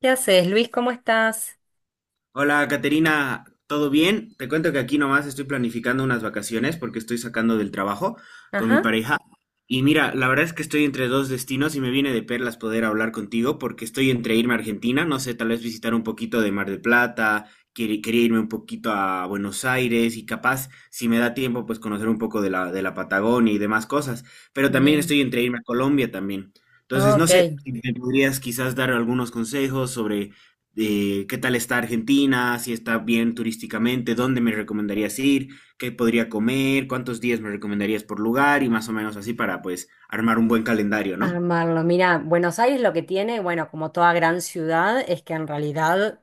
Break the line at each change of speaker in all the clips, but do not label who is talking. ¿Qué haces, Luis? ¿Cómo estás?
Hola, Caterina, ¿todo bien? Te cuento que aquí nomás estoy planificando unas vacaciones porque estoy sacando del trabajo con mi
Ajá,
pareja. Y mira, la verdad es que estoy entre dos destinos y me viene de perlas poder hablar contigo porque estoy entre irme a Argentina, no sé, tal vez visitar un poquito de Mar del Plata, quería irme un poquito a Buenos Aires y capaz, si me da tiempo, pues conocer un poco de de la Patagonia y demás cosas. Pero también
bien.
estoy entre irme a Colombia también.
Ah,
Entonces, no
Ok.
sé, si me podrías quizás dar algunos consejos sobre de qué tal está Argentina, si está bien turísticamente, dónde me recomendarías ir, qué podría comer, cuántos días me recomendarías por lugar y más o menos así para pues armar un buen calendario, ¿no?
Armarlo. Mira, Buenos Aires lo que tiene, bueno, como toda gran ciudad, es que en realidad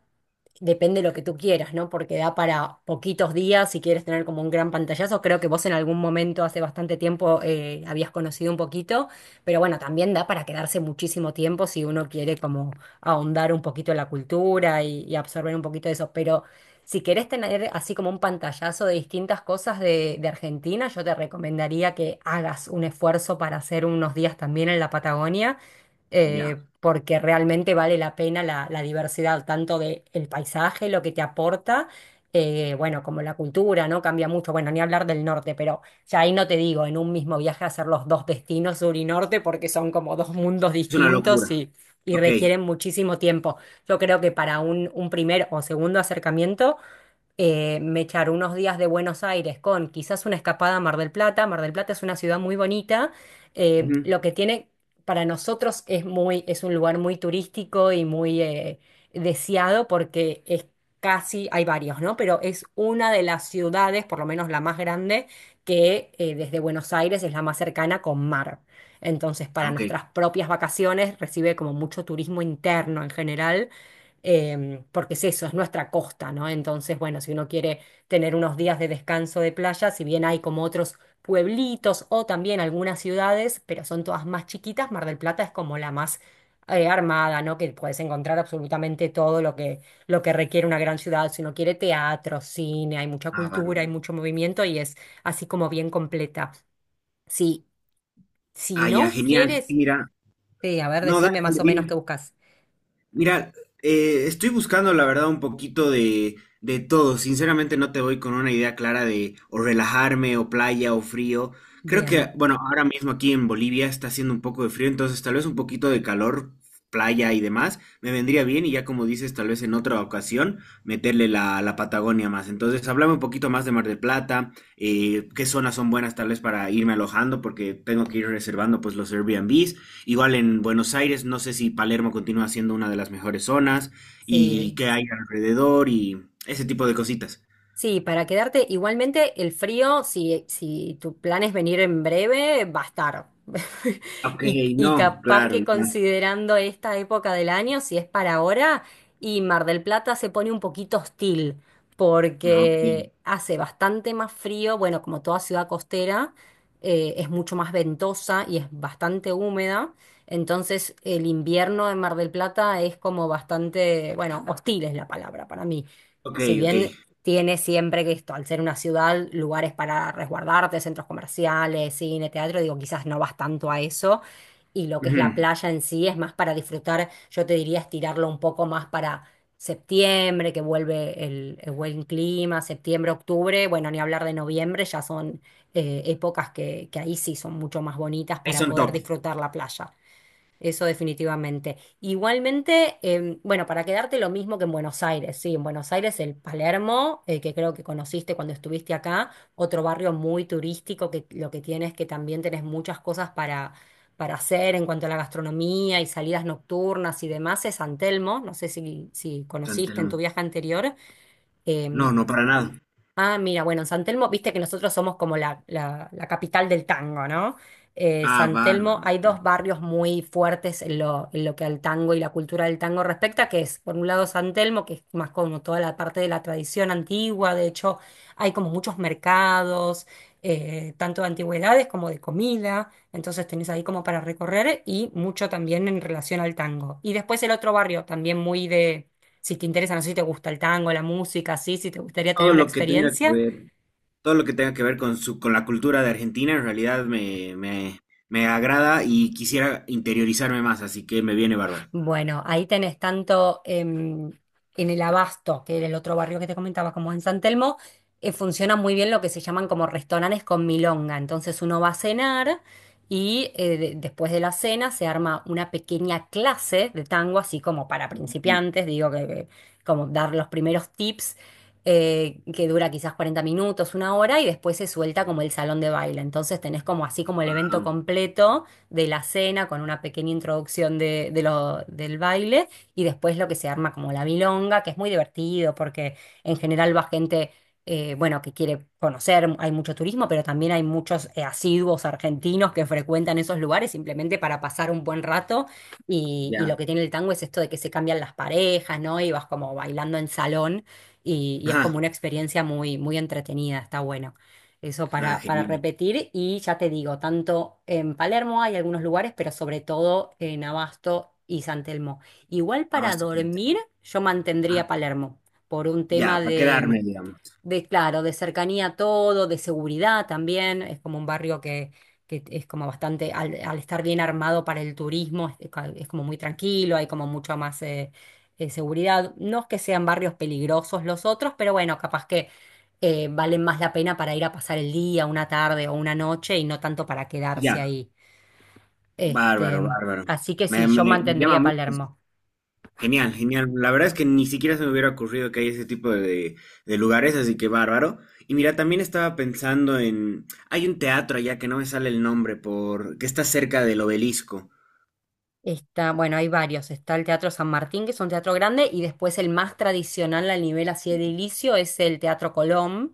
depende de lo que tú quieras, ¿no? Porque da para poquitos días si quieres tener como un gran pantallazo. Creo que vos en algún momento hace bastante tiempo habías conocido un poquito, pero bueno, también da para quedarse muchísimo tiempo si uno quiere como ahondar un poquito en la cultura y absorber un poquito de eso. Pero si querés tener así como un pantallazo de distintas cosas de Argentina, yo te recomendaría que hagas un esfuerzo para hacer unos días también en la Patagonia
Ya,
porque realmente vale la pena la diversidad, tanto del paisaje, lo que te aporta, bueno, como la cultura, ¿no? Cambia mucho, bueno, ni hablar del norte, pero ya ahí no te digo, en un mismo viaje hacer los dos destinos, sur y norte, porque son como dos mundos
es una
distintos
locura.
y
Ok,
requieren muchísimo tiempo. Yo creo que para un primer o segundo acercamiento me echar unos días de Buenos Aires con quizás una escapada a Mar del Plata. Mar del Plata es una ciudad muy bonita.
ujú,
Lo que tiene para nosotros es muy, es un lugar muy turístico y muy deseado porque es casi, hay varios, ¿no? Pero es una de las ciudades, por lo menos la más grande, que desde Buenos Aires es la más cercana con mar. Entonces, para
ok,
nuestras propias vacaciones recibe como mucho turismo interno en general porque es eso, es nuestra costa, ¿no? Entonces, bueno, si uno quiere tener unos días de descanso de playa, si bien hay como otros pueblitos o también algunas ciudades, pero son todas más chiquitas, Mar del Plata es como la más armada, ¿no? Que puedes encontrar absolutamente todo lo que requiere una gran ciudad, si uno quiere teatro, cine, hay mucha
ah,
cultura, hay
bárbaro.
mucho movimiento y es así como bien completa. Si, si
Ah, ya,
no
genial, sí,
quieres,
mira.
sí, a ver,
No, dale,
decime más
dale,
o menos qué
dime.
buscas.
Mira, estoy buscando la verdad un poquito de todo. Sinceramente no te voy con una idea clara de o relajarme o playa o frío. Creo que,
Bien,
bueno, ahora mismo aquí en Bolivia está haciendo un poco de frío, entonces tal vez un poquito de calor, playa y demás, me vendría bien y ya como dices, tal vez en otra ocasión meterle la Patagonia más. Entonces, hablame un poquito más de Mar del Plata, qué zonas son buenas tal vez para irme alojando, porque tengo que ir reservando pues los Airbnbs. Igual en Buenos Aires, no sé si Palermo continúa siendo una de las mejores zonas y
sí.
qué hay alrededor y ese tipo de cositas.
Sí, para quedarte igualmente el frío, si tu plan es venir en breve, va a estar.
Ok,
Y
no,
capaz
claro,
que
ya.
considerando esta época del año, si es para ahora, y Mar del Plata se pone un poquito hostil,
No, ok,
porque hace bastante más frío, bueno, como toda ciudad costera, es mucho más ventosa y es bastante húmeda, entonces el invierno en Mar del Plata es como bastante, bueno, hostil es la palabra para mí.
ok,
Si
ok.
bien tiene siempre que esto, al ser una ciudad, lugares para resguardarte, centros comerciales, cine, teatro, digo, quizás no vas tanto a eso. Y lo que es la
Ujú.
playa en sí es más para disfrutar, yo te diría estirarlo un poco más para septiembre, que vuelve el buen clima, septiembre, octubre, bueno, ni hablar de noviembre, ya son épocas que ahí sí son mucho más bonitas
Ahí
para
son
poder
top.
disfrutar la playa. Eso definitivamente. Igualmente, bueno, para quedarte lo mismo que en Buenos Aires, sí, en Buenos Aires el Palermo, que creo que conociste cuando estuviste acá, otro barrio muy turístico que lo que tiene es que también tenés muchas cosas para hacer en cuanto a la gastronomía y salidas nocturnas y demás, es San Telmo, no sé si
San
conociste en tu
Telmo.
viaje anterior, em,
No, no para nada.
ah, mira, bueno, en San Telmo, viste que nosotros somos como la capital del tango, ¿no?
Ah,
San Telmo,
bárbaro,
hay
ya.
dos barrios muy fuertes en lo que al tango y la cultura del tango respecta, que es, por un lado, San Telmo, que es más como toda la parte de la tradición antigua, de hecho, hay como muchos mercados, tanto de antigüedades como de comida, entonces tenés ahí como para recorrer y mucho también en relación al tango. Y después el otro barrio, también muy si te interesa, no sé si te gusta el tango, la música, sí, si te gustaría tener
Todo
una
lo que tenga que
experiencia.
ver, todo lo que tenga que ver con su, con la cultura de Argentina, en realidad me agrada y quisiera interiorizarme más, así que me viene bárbaro.
Bueno, ahí tenés tanto en el Abasto, que era el otro barrio que te comentaba, como en San Telmo, funciona muy bien lo que se llaman como restaurantes con milonga. Entonces uno va a cenar y después de la cena se arma una pequeña clase de tango, así como para principiantes, digo que como dar los primeros tips, que dura quizás 40 minutos, una hora, y después se suelta como el salón de baile. Entonces tenés como así como el evento
Wow,
completo de la cena con una pequeña introducción del baile y después lo que se arma como la milonga, que es muy divertido porque en general va gente, bueno, que quiere conocer, hay mucho turismo, pero también hay muchos asiduos argentinos que frecuentan esos lugares simplemente para pasar un buen rato y lo
ya.
que tiene el tango es esto de que se cambian las parejas, ¿no? Y vas como bailando en salón y es
Ajá.
como una experiencia muy, muy entretenida, está buena. Eso
Ah,
para
genial.
repetir y ya te digo, tanto en Palermo hay algunos lugares, pero sobre todo en Abasto y San Telmo. Igual
Ah,
para
está bien.
dormir, yo
Ah,
mantendría Palermo por un tema
ya, para quedarme, digamos.
claro, de cercanía a todo, de seguridad también. Es como un barrio que es como bastante, al estar bien armado para el turismo, es como muy tranquilo, hay como mucho más seguridad. No es que sean barrios peligrosos los otros, pero bueno, capaz que valen más la pena para ir a pasar el día, una tarde o una noche y no tanto para quedarse
Ya,
ahí. Este,
bárbaro, bárbaro.
así que sí, yo
Me llama
mantendría
mucho.
Palermo.
Genial, genial. La verdad es que ni siquiera se me hubiera ocurrido que hay ese tipo de lugares, así que bárbaro. Y mira, también estaba pensando en… Hay un teatro allá que no me sale el nombre, por, que está cerca del obelisco.
Está, bueno, hay varios. Está el Teatro San Martín, que es un teatro grande, y después el más tradicional al nivel así edilicio es el Teatro Colón.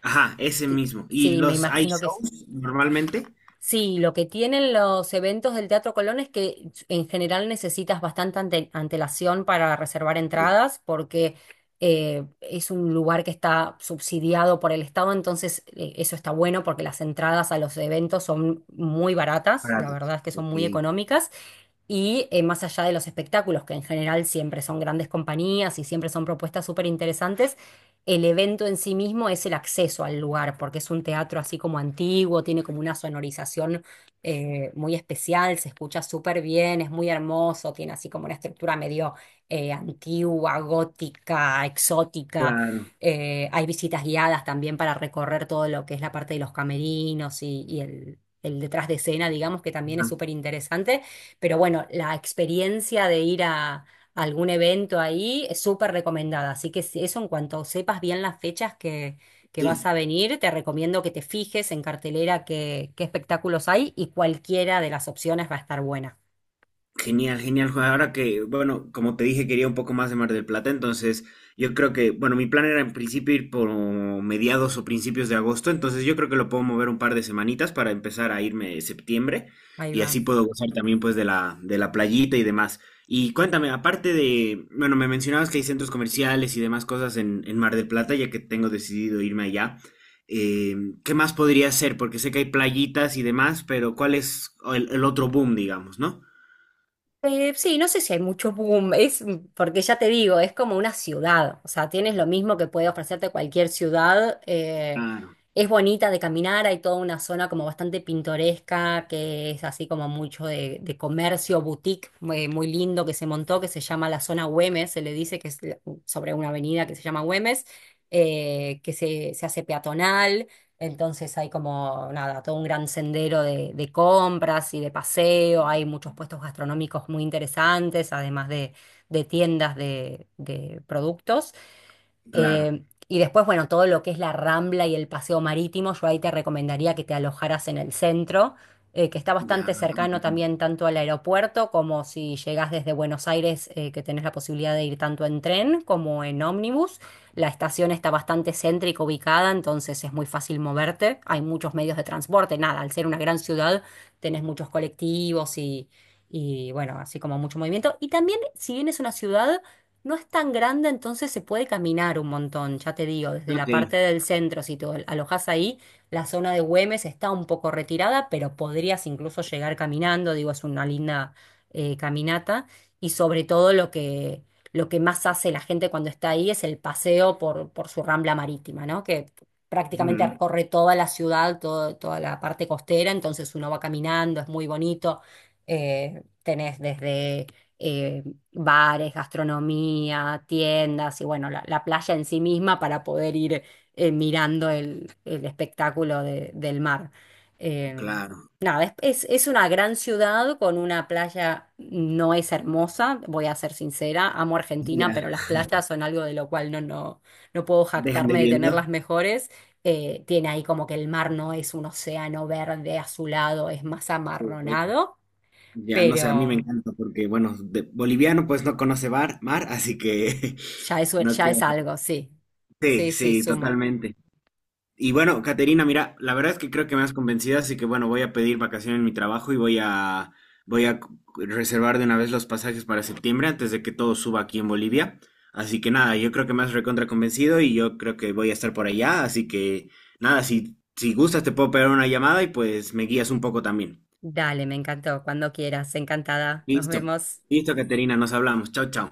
Ajá, ese mismo. ¿Y
Sí, me
los hay
imagino que es.
shows normalmente?
Sí, lo que tienen los eventos del Teatro Colón es que en general necesitas bastante antelación para reservar
Sí.
entradas, porque es un lugar que está subsidiado por el Estado, entonces eso está bueno porque las entradas a los eventos son muy baratas, la
Baratos.
verdad es que son
Ok,
muy económicas. Y más allá de los espectáculos, que en general siempre son grandes compañías y siempre son propuestas súper interesantes, el evento en sí mismo es el acceso al lugar, porque es un teatro así como antiguo, tiene como una sonorización muy especial, se escucha súper bien, es muy hermoso, tiene así como una estructura medio antigua, gótica, exótica.
claro.
Hay visitas guiadas también para recorrer todo lo que es la parte de los camerinos y el detrás de escena, digamos, que también
Ajá,
es súper interesante. Pero bueno, la experiencia de ir a algún evento ahí es súper recomendada. Así que si- eso en cuanto sepas bien las fechas que vas
sí.
a venir, te recomiendo que te fijes en cartelera qué espectáculos hay y cualquiera de las opciones va a estar buena.
Genial, genial, Juan. Ahora que, bueno, como te dije, quería un poco más de Mar del Plata, entonces yo creo que, bueno, mi plan era en principio ir por mediados o principios de agosto, entonces yo creo que lo puedo mover un par de semanitas para empezar a irme septiembre
Ahí
y
va.
así puedo gozar también pues de de la playita y demás. Y cuéntame, aparte de, bueno, me mencionabas que hay centros comerciales y demás cosas en Mar del Plata, ya que tengo decidido irme allá. Eh, ¿qué más podría hacer? Porque sé que hay playitas y demás, pero ¿cuál es el otro boom, digamos, ¿no?
Sí, no sé si hay mucho boom, es porque ya te digo, es como una ciudad, o sea, tienes lo mismo que puede ofrecerte cualquier ciudad,
Claro.
es bonita de caminar, hay toda una zona como bastante pintoresca, que es así como mucho de comercio, boutique, muy, muy lindo que se montó, que se llama la zona Güemes, se le dice que es sobre una avenida que se llama Güemes, se hace peatonal, entonces hay como, nada, todo un gran sendero de compras y de paseo, hay muchos puestos gastronómicos muy interesantes, además de tiendas de productos.
Claro,
Y después, bueno, todo lo que es la Rambla y el paseo marítimo, yo ahí te recomendaría que te alojaras en el centro, que está
ya.
bastante cercano también tanto al aeropuerto como si llegás desde Buenos Aires, que tenés la posibilidad de ir tanto en tren como en ómnibus. La estación está bastante céntrica ubicada, entonces es muy fácil moverte. Hay muchos medios de transporte, nada, al ser una gran ciudad, tenés muchos colectivos y bueno, así como mucho movimiento. Y también, si bien es una ciudad... No es tan grande, entonces se puede caminar un montón, ya te digo, desde la
Ok.
parte del centro, si te alojas ahí, la zona de Güemes está un poco retirada, pero podrías incluso llegar caminando, digo, es una linda caminata, y sobre todo lo que más hace la gente cuando está ahí es el paseo por su rambla marítima, ¿no? Que prácticamente
Ujú.
recorre toda la ciudad, toda la parte costera, entonces uno va caminando, es muy bonito, tenés desde... eh, bares, gastronomía, tiendas y bueno, la playa en sí misma para poder ir mirando el espectáculo del mar. Eh,
Claro.
nada, es una gran ciudad con una playa, no es hermosa, voy a ser sincera, amo Argentina,
Ya.
pero las playas son algo de lo cual no puedo
Dejan de
jactarme de
viendo.
tener las mejores. Tiene ahí como que el mar no es un océano verde azulado, es más
Ujú.
amarronado,
Ya, no sé, a mí me
pero...
encanta porque, bueno, de- boliviano pues no conoce mar, así que
Ya es,
no
ya
queda.
es algo, sí.
Sí,
Sí, sí,
sí,
suma.
totalmente. Y bueno, Caterina, mira, la verdad es que creo que me has convencido, así que bueno, voy a pedir vacaciones en mi trabajo y voy a reservar de una vez los pasajes para septiembre antes de que todo suba aquí en Bolivia. Así que nada, yo creo que me has recontra convencido y yo creo que voy a estar por allá, así que nada, si gustas te puedo pegar una llamada y pues me guías un poco también.
Dale, me encantó. Cuando quieras, encantada. Nos
Listo.
vemos.
Listo, Caterina, nos hablamos. Chao, chao.